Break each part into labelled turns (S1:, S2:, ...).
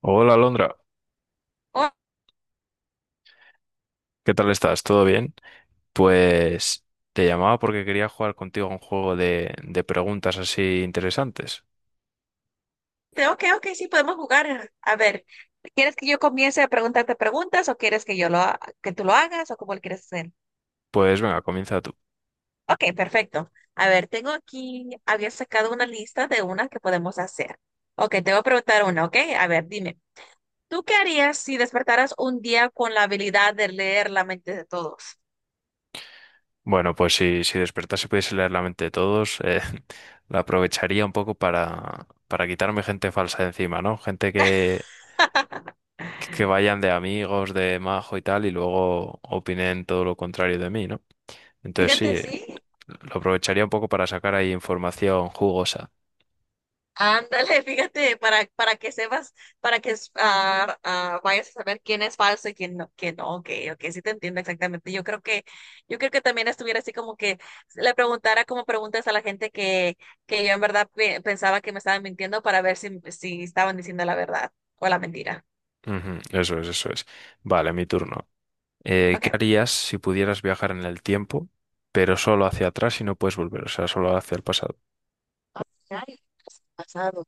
S1: Hola, Alondra.
S2: Oh,
S1: ¿Qué tal estás? ¿Todo bien? Pues te llamaba porque quería jugar contigo a un juego de preguntas así interesantes.
S2: ok, ok, sí, podemos jugar. A ver, ¿quieres que yo comience a preguntarte preguntas o quieres que tú lo hagas o cómo lo quieres hacer?
S1: Pues venga, comienza tú.
S2: Ok, perfecto. A ver, tengo aquí, había sacado una lista de unas que podemos hacer. Ok, te voy a preguntar una, ok. A ver, dime, ¿tú qué harías si despertaras un día con la habilidad de leer la mente de todos?
S1: Bueno, pues si despertase y pudiese leer la mente de todos, la aprovecharía un poco para quitarme gente falsa de encima, ¿no? Gente que vayan de amigos, de majo y tal, y luego opinen todo lo contrario de mí, ¿no? Entonces sí,
S2: Fíjate, sí.
S1: lo aprovecharía un poco para sacar ahí información jugosa.
S2: Ándale, fíjate, para que sepas, para que vayas a saber quién es falso y quién no, ok, ok, sí te entiendo exactamente. Yo creo que también estuviera así como que le preguntara como preguntas a la gente que yo en verdad pensaba que me estaban mintiendo para ver si estaban diciendo la verdad o la mentira.
S1: Ujú, eso es, eso es. Vale, mi turno. ¿qué
S2: Ok.
S1: harías si pudieras viajar en el tiempo, pero solo hacia atrás y no puedes volver, o sea, ¿solo hacia el pasado?
S2: Ay, pasado.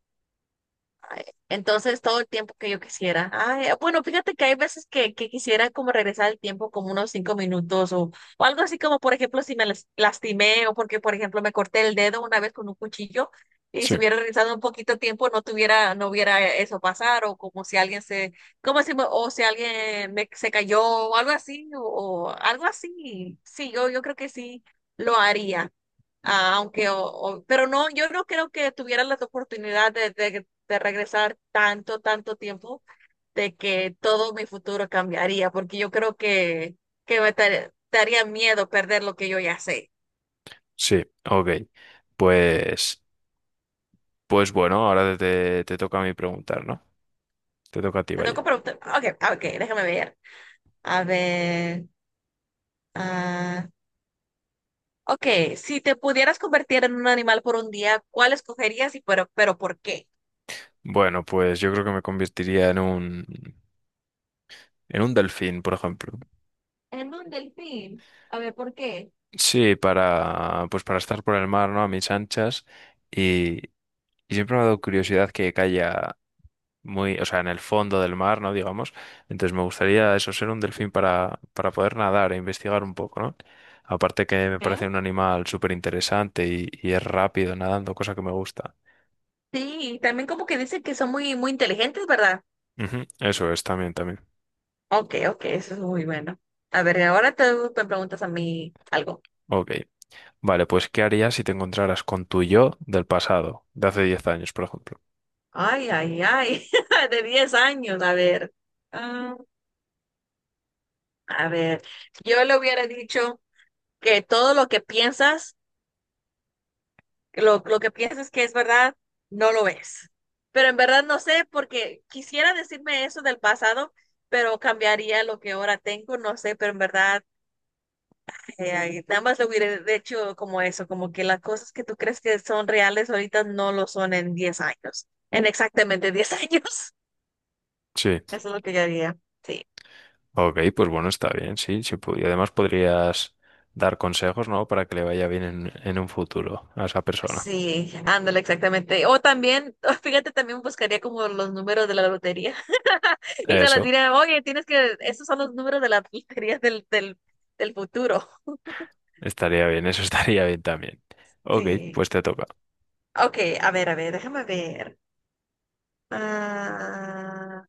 S2: Ay, entonces, todo el tiempo que yo quisiera. Ay, bueno, fíjate que hay veces que quisiera como regresar el tiempo como unos 5 minutos o algo así como, por ejemplo, si me lastimé o porque, por ejemplo, me corté el dedo una vez con un cuchillo, y
S1: Sí.
S2: si hubiera regresado un poquito tiempo no tuviera, no hubiera eso pasar o como si alguien se, como si, me- o si alguien me, se cayó o algo así o algo así. Sí, yo creo que sí lo haría. Ah, aunque, pero no, yo no creo que tuvieran la oportunidad de regresar tanto, tanto tiempo de que todo mi futuro cambiaría, porque yo creo que me daría miedo perder lo que yo ya sé.
S1: Sí, ok. Pues, pues bueno, ahora te toca a mí preguntar, ¿no? Te toca a ti,
S2: Te tengo que
S1: vaya.
S2: preguntar, ok, ok, déjame ver. A ver, ah, ok, si te pudieras convertir en un animal por un día, ¿cuál escogerías y pero por qué?
S1: Bueno, pues yo creo que me convertiría en en un delfín, por ejemplo.
S2: En un delfín. A ver, ¿por qué?
S1: Sí, pues para estar por el mar, ¿no? A mis anchas. Y, y siempre me ha dado curiosidad que haya muy, o sea, en el fondo del mar, ¿no? Digamos. Entonces me gustaría eso, ser un delfín para poder nadar e investigar un poco, ¿no? Aparte que me parece
S2: ¿Eh?
S1: un animal súper interesante y es rápido nadando, cosa que me gusta.
S2: Sí, también como que dicen que son muy, muy inteligentes, ¿verdad?
S1: Ujú, eso es, también, también.
S2: Ok, ok, eso es muy bueno. A ver, ahora te me preguntas a mí algo.
S1: Ok. Vale, pues ¿qué harías si te encontraras con tu yo del pasado, de hace 10 años, por ejemplo?
S2: Ay, ay, ay, de 10 años, a ver. Ah, a ver, yo le hubiera dicho que todo lo que piensas, lo que piensas que es verdad, no lo es. Pero en verdad no sé, porque quisiera decirme eso del pasado, pero cambiaría lo que ahora tengo, no sé, pero en verdad. Ahí nada más lo hubiera hecho como eso, como que las cosas que tú crees que son reales ahorita no lo son en 10 años, en exactamente 10 años.
S1: Sí.
S2: Eso es lo que yo haría. Sí,
S1: Ok, pues bueno, está bien, sí. Sí y además podrías dar consejos, ¿no? Para que le vaya bien en un futuro a esa persona.
S2: sí, ándale, exactamente. O también, fíjate, también buscaría como los números de la lotería. Y se las
S1: Eso.
S2: diría, oye, tienes que, esos son los números de la lotería del futuro.
S1: Estaría bien, eso estaría bien también. Ok,
S2: Sí.
S1: pues te toca.
S2: Ok, a ver, déjame ver. Ah,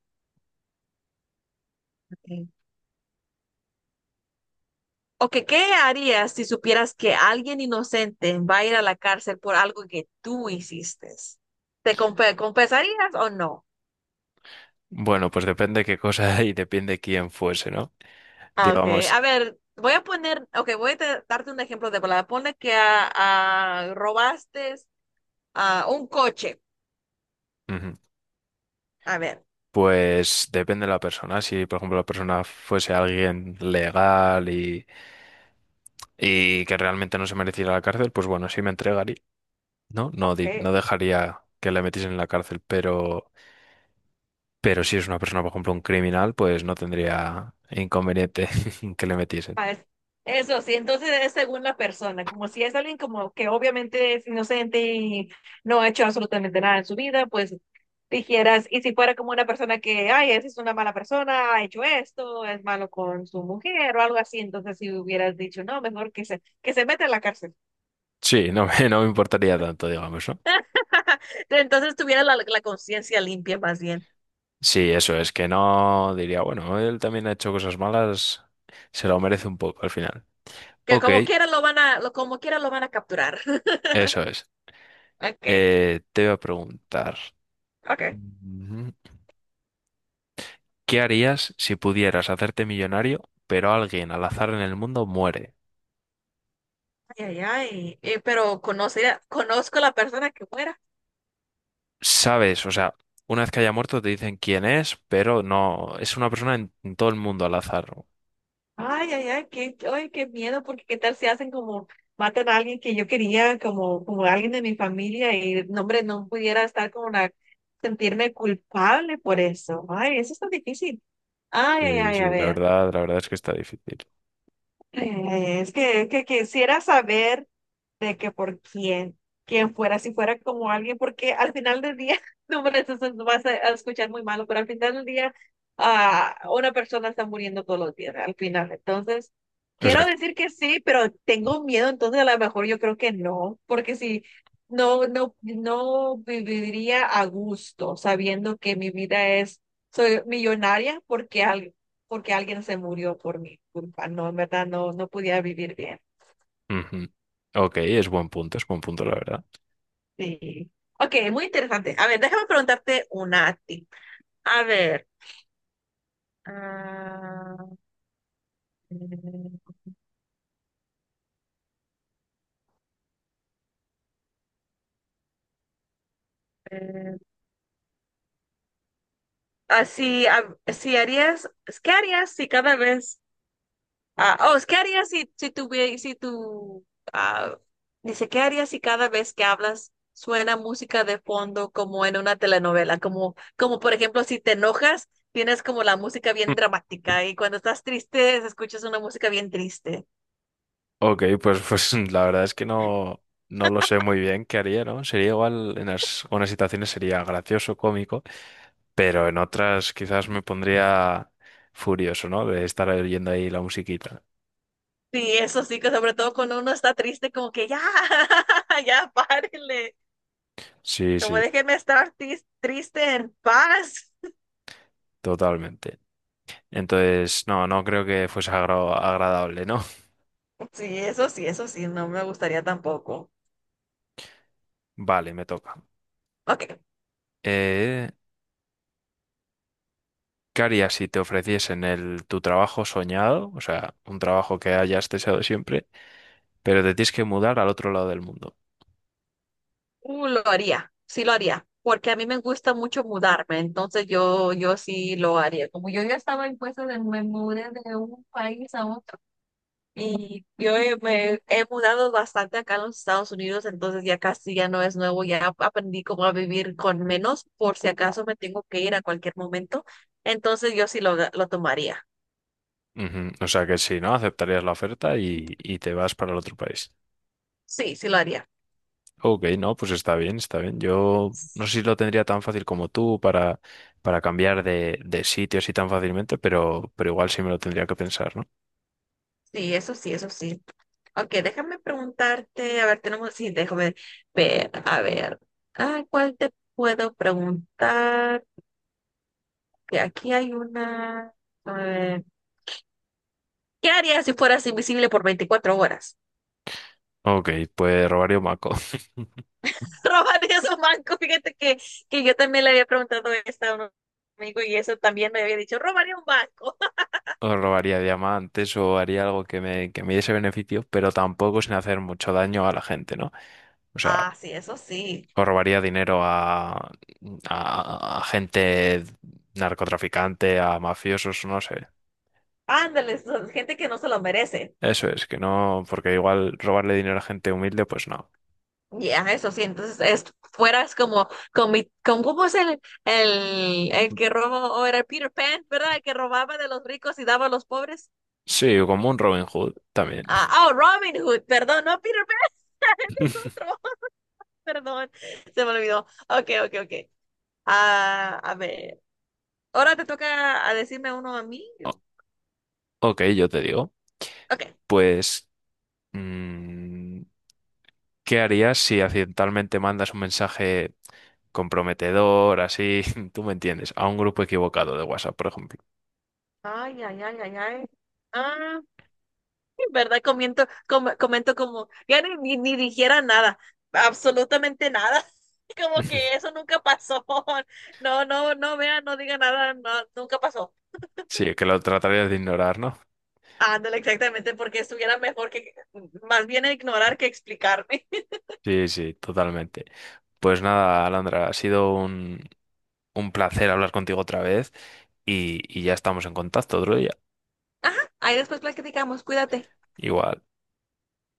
S2: ok. Ok, ¿qué harías si supieras que alguien inocente va a ir a la cárcel por algo que tú hiciste? ¿Te compensarías o no?
S1: Bueno, pues depende qué cosa y depende quién fuese, ¿no?
S2: Ok,
S1: Digamos,
S2: a ver, voy a poner, ok, voy a darte un ejemplo de palabra. Pone que robaste un coche.
S1: ujú,
S2: A ver,
S1: pues depende de la persona. Si, por ejemplo, la persona fuese alguien legal y que realmente no se mereciera la cárcel, pues bueno, sí me entregaría, ¿no? No, no
S2: ok.
S1: dejaría que le metiesen en la cárcel, pero si es una persona, por ejemplo, un criminal, pues no tendría inconveniente que le metiesen.
S2: Pues, eso sí, entonces es según la persona, como si es alguien como que obviamente es inocente y no ha hecho absolutamente nada en su vida, pues dijeras, y si fuera como una persona que, ay, esa es una mala persona, ha hecho esto, es malo con su mujer o algo así, entonces si hubieras dicho, no, mejor que se, meta en la cárcel.
S1: Sí, no me importaría tanto, digamos, ¿no?
S2: Entonces tuviera la conciencia limpia más bien,
S1: Sí, eso es que no diría, bueno, él también ha hecho cosas malas, se lo merece un poco al final.
S2: que
S1: Ok,
S2: como quiera lo van a capturar.
S1: eso es.
S2: Okay,
S1: Te voy a preguntar,
S2: okay.
S1: mm, ¿qué harías si pudieras hacerte millonario, pero alguien al azar en el mundo muere?
S2: Ay, ay, ay, pero conozco la persona que fuera.
S1: Sabes, o sea, una vez que haya muerto te dicen quién es, pero no, es una persona en todo el mundo al azar.
S2: Ay, ay, ay, qué miedo, porque qué tal si hacen como matan a alguien que yo quería, como alguien de mi familia, y no, hombre, no pudiera estar como una, sentirme culpable por eso. Ay, eso está difícil. Ay, ay,
S1: Sí,
S2: ay, a
S1: sí,
S2: ver.
S1: la verdad es que está difícil.
S2: Es que quisiera saber de que por quién fuera, si fuera como alguien, porque al final del día, no, hombre, eso se vas a a escuchar muy malo, pero al final del día, una persona está muriendo todos los días, al final. Entonces,
S1: O
S2: quiero
S1: sea,
S2: decir que sí, pero tengo miedo, entonces a lo mejor yo creo que no, porque si no, no viviría a gusto sabiendo que mi vida es, soy millonaria, porque porque alguien se murió por mi culpa. No, en verdad no podía vivir bien.
S1: ujú. Ok, es buen punto, la verdad.
S2: Sí. Ok, muy interesante. A ver, déjame preguntarte una a ti. A ver, ah, eh, eh, si, si harías, ¿qué harías si cada vez? Oh, ¿Qué harías si tuviera, si tu, ah, dice, ¿qué harías si cada vez que hablas suena música de fondo como en una telenovela? Como, como por ejemplo, si te enojas, tienes como la música bien dramática y cuando estás triste, escuchas una música bien triste.
S1: Ok, pues, pues la verdad es que no, no lo sé muy bien qué haría, ¿no? Sería igual, en algunas situaciones sería gracioso, cómico, pero en otras quizás me pondría furioso, ¿no? De estar oyendo ahí la musiquita.
S2: Sí, eso sí, que sobre todo cuando uno está triste, como que ya, ya, párenle,
S1: Sí,
S2: como
S1: sí,
S2: déjenme estar triste en paz.
S1: totalmente. Entonces, no, no creo que fuese agradable, ¿no?
S2: Sí, eso sí, eso sí, no me gustaría tampoco.
S1: Vale, me toca.
S2: Ok.
S1: Eh, ¿qué harías si te ofreciesen tu trabajo soñado? O sea, un trabajo que hayas deseado siempre, pero te tienes que mudar al otro lado del mundo.
S2: Lo haría, sí lo haría, porque a mí me gusta mucho mudarme, entonces yo sí lo haría. Como yo ya estaba en puestos de me mudé de un país a otro y yo me he mudado bastante acá en los Estados Unidos, entonces ya casi ya no es nuevo, ya aprendí cómo a vivir con menos por si acaso me tengo que ir a cualquier momento, entonces yo sí lo tomaría,
S1: Ujú, o sea que sí, ¿no? Aceptarías la oferta y te vas para el otro país.
S2: sí, sí lo haría.
S1: Ok, no, pues está bien, está bien. Yo no sé si lo tendría tan fácil como tú para cambiar de sitio así tan fácilmente, pero igual sí me lo tendría que pensar, ¿no?
S2: Sí, eso sí, eso sí. Ok, déjame preguntarte, a ver, tenemos, sí, déjame ver, a ver, ¿cuál te puedo preguntar? Que aquí hay una, a ver, ¿qué harías si fueras invisible por 24 horas?
S1: Ok, pues robaría un banco,
S2: ¿Robarías un banco? Fíjate que, yo también le había preguntado esto a un amigo y eso también me había dicho, robaría un banco.
S1: o robaría diamantes, o haría algo que me diese beneficio, pero tampoco sin hacer mucho daño a la gente, ¿no? O sea,
S2: Sí, eso sí.
S1: o robaría dinero a gente narcotraficante, a mafiosos, no sé.
S2: Ándale, son gente que no se lo merece.
S1: Eso es, que no, porque igual robarle dinero a gente humilde, pues no.
S2: Ya, eso sí, entonces es, fueras como, ¿cómo es el que robó, o era Peter Pan, ¿verdad? El que robaba de los ricos y daba a los pobres.
S1: Sí, como un Robin Hood también.
S2: Oh, Robin Hood, perdón, no Peter Pan, es otro, perdón, se me olvidó. Ok, ok, ok. A ver, ahora te toca a decirme uno a mí.
S1: O-
S2: Yo.
S1: Ok, yo te digo.
S2: Ok.
S1: Pues, mm, ¿qué harías si accidentalmente mandas un mensaje comprometedor, así, tú me entiendes, a un grupo equivocado de WhatsApp, por ejemplo?
S2: Ay, ay, ay, ay, ay. ¿Verdad? Comento como, ya ni dijera nada, absolutamente nada. Como que eso nunca pasó. No, no, no vea, no diga nada, no, nunca pasó.
S1: Sí, que lo tratarías de ignorar, ¿no?
S2: Ándale, exactamente, porque estuviera mejor que, más bien ignorar que explicarme.
S1: Sí, sí, totalmente. Pues nada, Alandra, ha sido un placer hablar contigo otra vez y ya estamos en contacto otro día.
S2: Ajá, ahí después platicamos, cuídate.
S1: Igual.